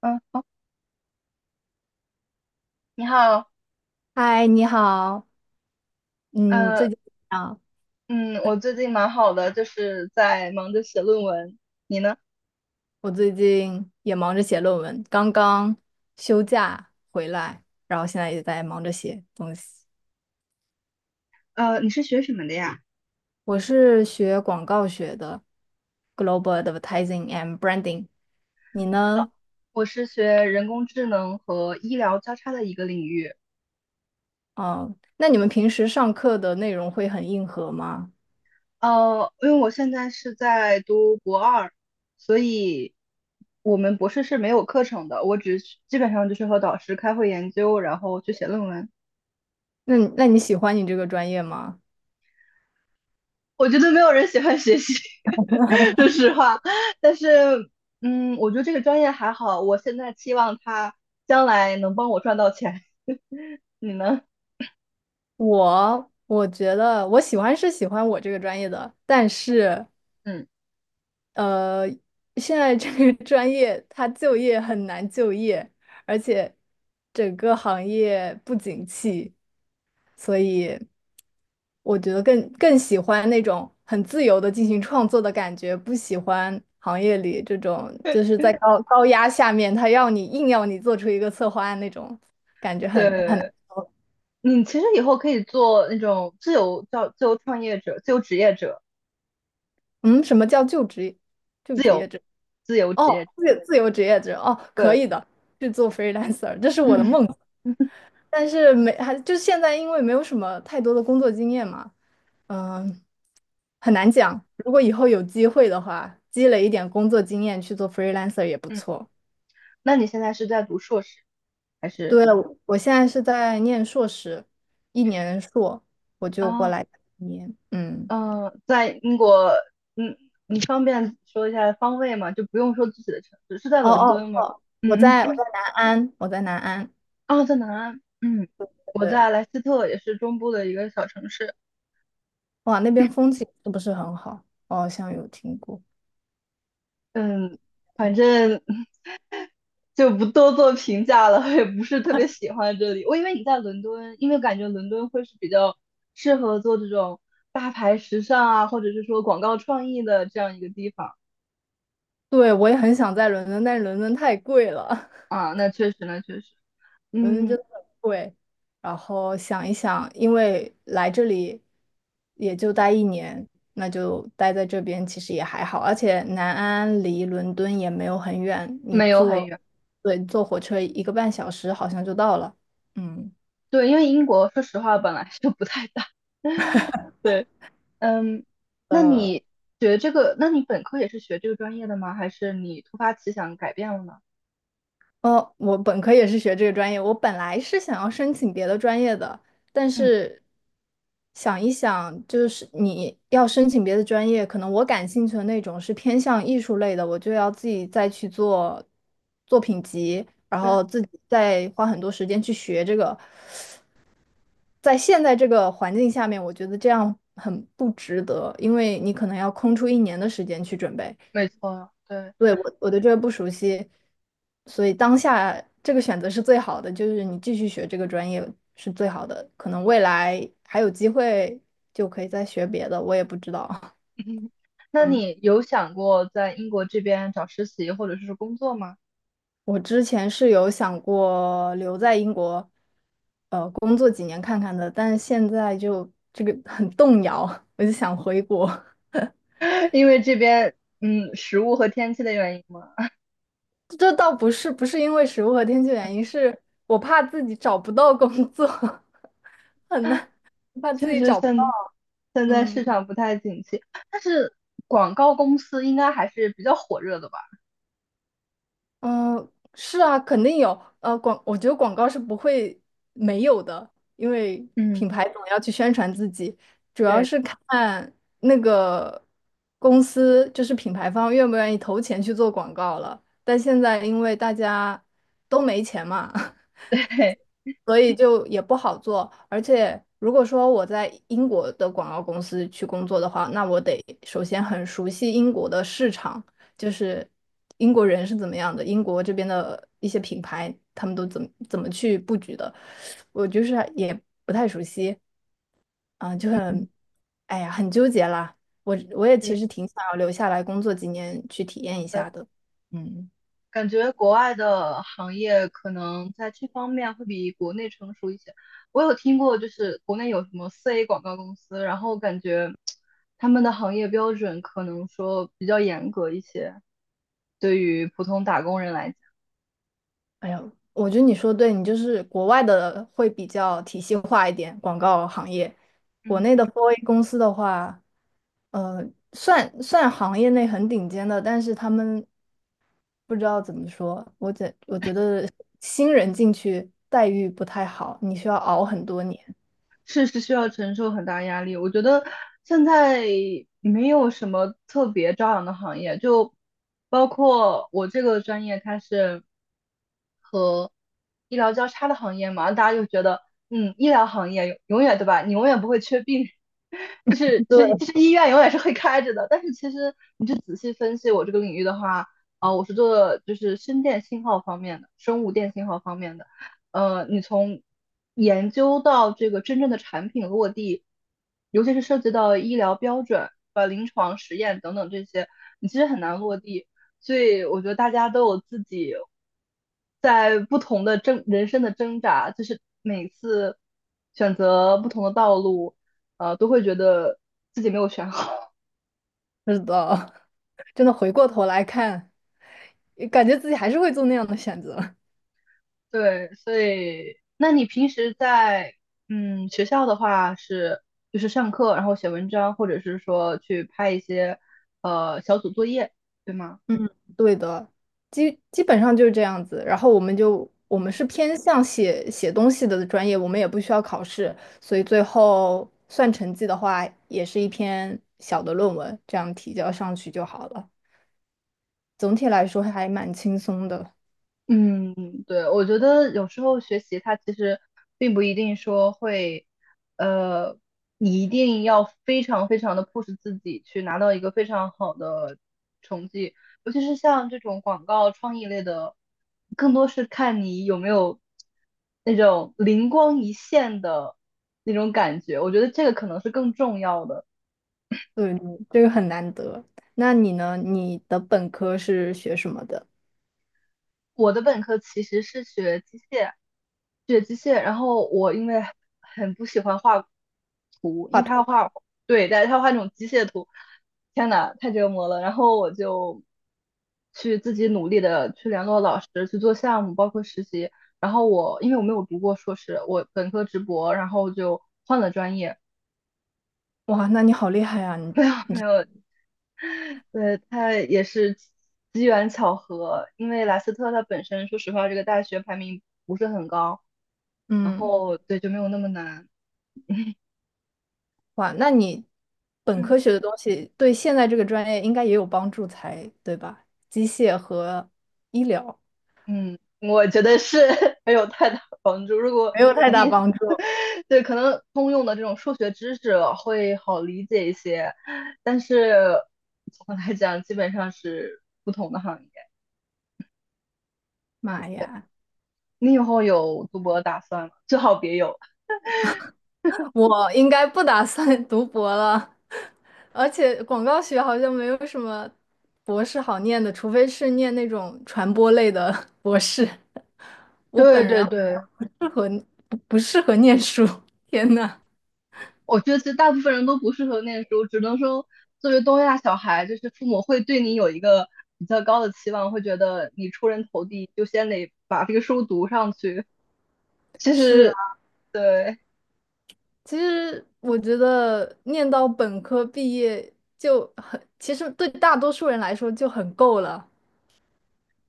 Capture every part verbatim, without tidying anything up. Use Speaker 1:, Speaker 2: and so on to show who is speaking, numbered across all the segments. Speaker 1: 嗯，你好。
Speaker 2: 嗨，你好。嗯，最
Speaker 1: 呃，
Speaker 2: 近啊，
Speaker 1: 嗯，我最近蛮好的，就是在忙着写论文。你呢？
Speaker 2: 我最近也忙着写论文，刚刚休假回来，然后现在也在忙着写东西。
Speaker 1: 呃，你是学什么的呀？
Speaker 2: 我是学广告学的，Global Advertising and Branding。你
Speaker 1: 呃，
Speaker 2: 呢？
Speaker 1: 我是学人工智能和医疗交叉的一个领域。
Speaker 2: 哦，那你们平时上课的内容会很硬核吗？
Speaker 1: 呃，因为我现在是在读博二，所以我们博士是没有课程的，我只是基本上就是和导师开会研究，然后去写论文。
Speaker 2: 那你那你喜欢你这个专业吗？
Speaker 1: 我觉得没有人喜欢学习，说实话。但是，嗯，我觉得这个专业还好，我现在期望它将来能帮我赚到钱。你呢？
Speaker 2: 我我觉得我喜欢是喜欢我这个专业的，但是。
Speaker 1: 嗯，
Speaker 2: 呃，现在这个 专业它就业很难就业，而且整个行业不景气，所以我觉得更更喜欢那种很自由的进行创作的感觉，不喜欢行业里这种就是在高高压下面，他要你硬要你做出一个策划案那种感觉很很难
Speaker 1: 对，
Speaker 2: 受。
Speaker 1: 你其实以后可以做那种自由叫自由创业者、自由职业者、
Speaker 2: 嗯，什么叫就职就职业制？
Speaker 1: 自由职
Speaker 2: 哦，
Speaker 1: 业者。
Speaker 2: 自自由职业者哦，可
Speaker 1: 对，
Speaker 2: 以的，去做 freelancer，这是我的
Speaker 1: 嗯。
Speaker 2: 梦。但是没还就现在，因为没有什么太多的工作经验嘛。嗯，很难讲。如果以后有机会的话，积累一点工作经验去做 freelancer 也不
Speaker 1: 嗯，
Speaker 2: 错。
Speaker 1: 那你现在是在读硕士还是？
Speaker 2: 对了，我现在是在念硕士，一年硕，我就过
Speaker 1: 啊，
Speaker 2: 来念。嗯。
Speaker 1: 嗯，在英国。嗯，你方便说一下方位吗？就不用说自己的城市，是在
Speaker 2: 哦
Speaker 1: 伦
Speaker 2: 哦
Speaker 1: 敦吗？
Speaker 2: 哦，我
Speaker 1: 嗯
Speaker 2: 在我
Speaker 1: 嗯，
Speaker 2: 在南安，我在南安。
Speaker 1: 啊，在南安。嗯，我
Speaker 2: 对。
Speaker 1: 在莱斯特，也是中部的一个小城市。
Speaker 2: 哇，那边风景是不是很好？我好像有听过。
Speaker 1: 嗯，反
Speaker 2: 嗯。
Speaker 1: 正 就不多做评价了，也不是特别 喜欢这里。我以为你在伦敦，因为感觉伦敦会是比较适合做这种大牌时尚啊，或者是说广告创意的这样一个地方。
Speaker 2: 对，我也很想在伦敦，但是伦敦太贵了。
Speaker 1: 啊，那确实，那确实。
Speaker 2: 伦敦
Speaker 1: 嗯，
Speaker 2: 真的很贵。然后想一想，因为来这里也就待一年，那就待在这边其实也还好。而且南安离伦敦也没有很远，你
Speaker 1: 没有很
Speaker 2: 坐，
Speaker 1: 远。
Speaker 2: 对，坐火车一个半小时好像就到了。嗯。
Speaker 1: 对，因为英国说实话本来就不太大。对。嗯，那你学这个，那你本科也是学这个专业的吗？还是你突发奇想改变了呢？
Speaker 2: 哦，我本科也是学这个专业，我本来是想要申请别的专业的，但
Speaker 1: 嗯，
Speaker 2: 是想一想，就是你要申请别的专业，可能我感兴趣的那种是偏向艺术类的，我就要自己再去做作品集，然
Speaker 1: 对，
Speaker 2: 后自己再花很多时间去学这个。在现在这个环境下面，我觉得这样很不值得，因为你可能要空出一年的时间去准备。
Speaker 1: 没错，对。
Speaker 2: 对，我我对这个不熟悉，所以当下这个选择是最好的，就是你继续学这个专业是最好的，可能未来还有机会就可以再学别的，我也不知道。
Speaker 1: 那
Speaker 2: 嗯，
Speaker 1: 你有想过在英国这边找实习或者是工作吗？
Speaker 2: 我之前是有想过留在英国，呃，工作几年看看的，但是现在就这个很动摇，我就想回国。
Speaker 1: 因为这边，嗯，食物和天气的原因吗？
Speaker 2: 这倒不是不是因为食物和天气原因，是我怕自己找不到工作，很难，怕自
Speaker 1: 确
Speaker 2: 己
Speaker 1: 实，
Speaker 2: 找不到。
Speaker 1: 现现在
Speaker 2: 嗯。
Speaker 1: 市场不太景气，但是广告公司应该还是比较火热的吧？
Speaker 2: 嗯，是啊，肯定有。呃，广，我觉得广告是不会没有的，因为
Speaker 1: 嗯，
Speaker 2: 品牌总要去宣传自己，主要
Speaker 1: 对，
Speaker 2: 是看那个公司，就是品牌方愿不愿意投钱去做广告了。但现在因为大家都没钱嘛，
Speaker 1: 对，
Speaker 2: 所以就也不好做。而且如果说我在英国的广告公司去工作的话，那我得首先很熟悉英国的市场，就是英国人是怎么样的，英国这边的一些品牌他们都怎么怎么去布局的，我就是也不太熟悉，啊、就
Speaker 1: 嗯，
Speaker 2: 很，哎呀，很纠结啦。我我也其
Speaker 1: 对。
Speaker 2: 实挺想要留下来工作几年去体验一下的。嗯。
Speaker 1: 感觉国外的行业可能在这方面会比国内成熟一些。我有听过，就是国内有什么四 A 广告公司，然后感觉他们的行业标准可能说比较严格一些，对于普通打工人来讲。
Speaker 2: 哎呀，我觉得你说对，你就是国外的会比较体系化一点，广告行业，国
Speaker 1: 嗯，
Speaker 2: 内的 四 A 公司的话，呃，算算行业内很顶尖的，但是他们不知道怎么说，我觉我觉得新人进去待遇不太好，你需要熬很多年。
Speaker 1: 确实需要承受很大压力。我觉得现在没有什么特别朝阳的行业，就包括我这个专业，它是。和医疗交叉的行业嘛，大家就觉得，嗯，医疗行业永永远对吧？你永远不会缺病人。 就是就是就是 医院永远是会开着的。但是其实你就仔细分析我这个领域的话，啊、我是做就是生电信号方面的，生物电信号方面的。呃，你从研究到这个真正的产品落地，尤其是涉及到医疗标准、呃临床实验等等这些，你其实很难落地。所以我觉得大家都有自己在不同的挣人生的挣扎，就是每次选择不同的道路，呃，都会觉得自己没有选好。
Speaker 2: 对，是的，真的回过头来看，感觉自己还是会做那样的选择。
Speaker 1: 对，所以那你平时在嗯学校的话是就是上课，然后写文章，或者是说去拍一些呃小组作业，对吗？
Speaker 2: 嗯，对的，基基本上就是这样子。然后我们就我们是偏向写写东西的专业，我们也不需要考试，所以最后算成绩的话，也是一篇小的论文，这样提交上去就好了。总体来说还蛮轻松的。
Speaker 1: 嗯，对，我觉得有时候学习它其实并不一定说会，呃，你一定要非常非常的 push 自己去拿到一个非常好的成绩，尤其是像这种广告创意类的，更多是看你有没有那种灵光一现的那种感觉，我觉得这个可能是更重要的。
Speaker 2: 对，这个很难得。那你呢？你的本科是学什么的？
Speaker 1: 我的本科其实是学机械，学机械，然后我因为很不喜欢画图，因
Speaker 2: 画
Speaker 1: 为他要
Speaker 2: 图。
Speaker 1: 画。对，但是他要画那种机械图，天呐，太折磨了。然后我就去自己努力的去联络老师，去做项目，包括实习。然后我因为我没有读过硕士，我本科直博，然后就换了专业。
Speaker 2: 哇，那你好厉害啊！你
Speaker 1: 没有，没有，对，他也是机缘巧合，因为莱斯特它本身，说实话，这个大学排名不是很高，然
Speaker 2: 嗯。
Speaker 1: 后对就没有那么难。
Speaker 2: 哇，那你本
Speaker 1: 嗯
Speaker 2: 科学的东西对现在这个专业应该也有帮助才对吧？机械和医疗
Speaker 1: 嗯，我觉得是 没有太大帮助。如果
Speaker 2: 没有太
Speaker 1: 一
Speaker 2: 大
Speaker 1: 定
Speaker 2: 帮助。
Speaker 1: 对，可能通用的这种数学知识会好理解一些，但是总的来讲，基本上是不同的行业。
Speaker 2: 妈呀，
Speaker 1: 你以后有读博打算吗？最好别有。
Speaker 2: 我应该不打算 读博了，而且广告学好像没有什么博士好念的，除非是念那种传播类的 博士。我本
Speaker 1: 对对
Speaker 2: 人
Speaker 1: 对，
Speaker 2: 不适合不不适合念书，天呐，
Speaker 1: 我觉得其实大部分人都不适合念书，只能说作为东亚小孩，就是父母会对你有一个比较高的期望，会觉得你出人头地，就先得把这个书读上去。其
Speaker 2: 是。
Speaker 1: 实对，
Speaker 2: 其实我觉得念到本科毕业就很，其实对大多数人来说就很够了。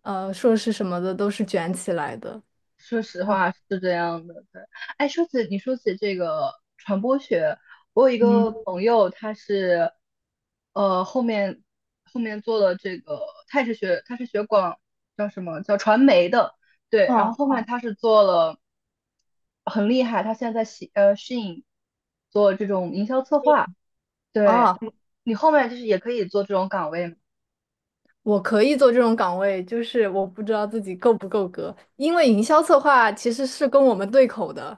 Speaker 2: 呃，硕士什么的都是卷起来的。
Speaker 1: 说实话是这样的，对。哎，说起你说起这个传播学，我有一
Speaker 2: 嗯。
Speaker 1: 个朋友，他是呃后面后面做了这个，他也是学他是学广叫什么叫传媒的。对。然后
Speaker 2: 哦。
Speaker 1: 后面他是做了很厉害，他现在在西呃 s h 做这种营销策划，对。
Speaker 2: 哦，
Speaker 1: 你你后面就是也可以做这种岗位。
Speaker 2: 我可以做这种岗位，就是我不知道自己够不够格，因为营销策划其实是跟我们对口的，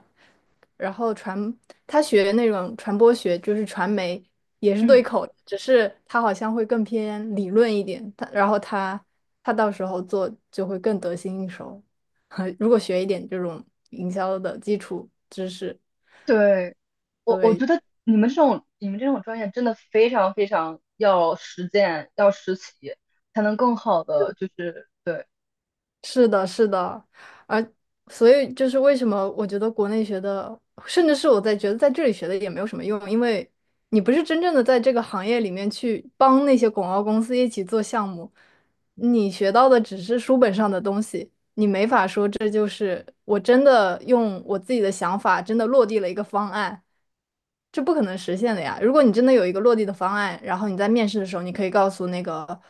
Speaker 2: 然后传，他学那种传播学，就是传媒，也是对
Speaker 1: 嗯，
Speaker 2: 口的只是他好像会更偏理论一点，他然后他他到时候做就会更得心应手，如果学一点这种营销的基础知识。
Speaker 1: 对，我我觉得你们这种你们这种专业真的非常非常要实践，要实习，才能更好的就是对，
Speaker 2: 是的，是的，而所以就是为什么我觉得国内学的，甚至是我在觉得在这里学的也没有什么用，因为你不是真正的在这个行业里面去帮那些广告公司一起做项目，你学到的只是书本上的东西。你。这就是我真的用我自己的想法，真的落地了一个方案，这不可能实现的呀。如果你真的有一个落地的方案，然后你在面试的时候，你可以告诉那个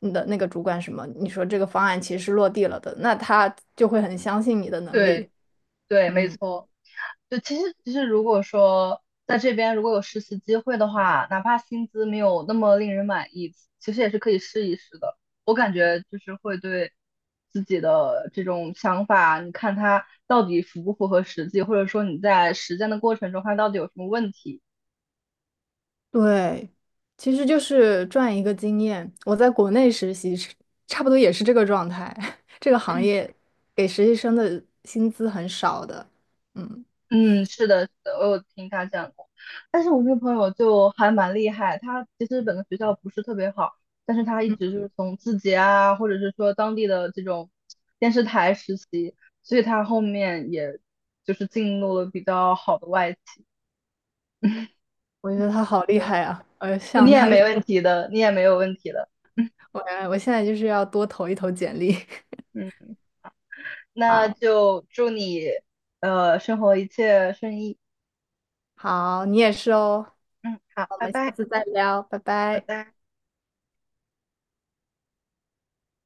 Speaker 2: 你的那个主管什么，你说这个方案其实是落地了的，那他就会很相信你的能力。
Speaker 1: 对对，没
Speaker 2: 嗯，
Speaker 1: 错。就其实其实如果说在这边如果有实习机会的话，哪怕薪资没有那么令人满意，其实也是可以试一试的。我感觉就是会对自己的这种想法，你看它到底符不符合实际，或者说你在实践的过程中它到底有什么问题。
Speaker 2: 对，其实就是赚一个经验。我在国内实习是差不多也是这个状态，这个行业给实习生的薪资很少的。嗯。
Speaker 1: 嗯，是的，是的，我有听他讲过。但是我那个朋友就还蛮厉害，他其实本科学校不是特别好，但是他一直就是从字节啊，或者是说当地的这种电视台实习，所以他后面也就是进入了比较好的外企。
Speaker 2: 我觉得他好厉
Speaker 1: 对，
Speaker 2: 害啊！呃，
Speaker 1: 你
Speaker 2: 像
Speaker 1: 也
Speaker 2: 他，
Speaker 1: 没问题的，你也没有问题的。
Speaker 2: 我我现在就是要多投一投简历。
Speaker 1: 嗯，那
Speaker 2: 好。
Speaker 1: 就祝你呃生活一切顺意。
Speaker 2: 好，你也是哦。
Speaker 1: 嗯，好，
Speaker 2: 我
Speaker 1: 拜
Speaker 2: 们下
Speaker 1: 拜，
Speaker 2: 次再聊，拜
Speaker 1: 拜
Speaker 2: 拜。
Speaker 1: 拜。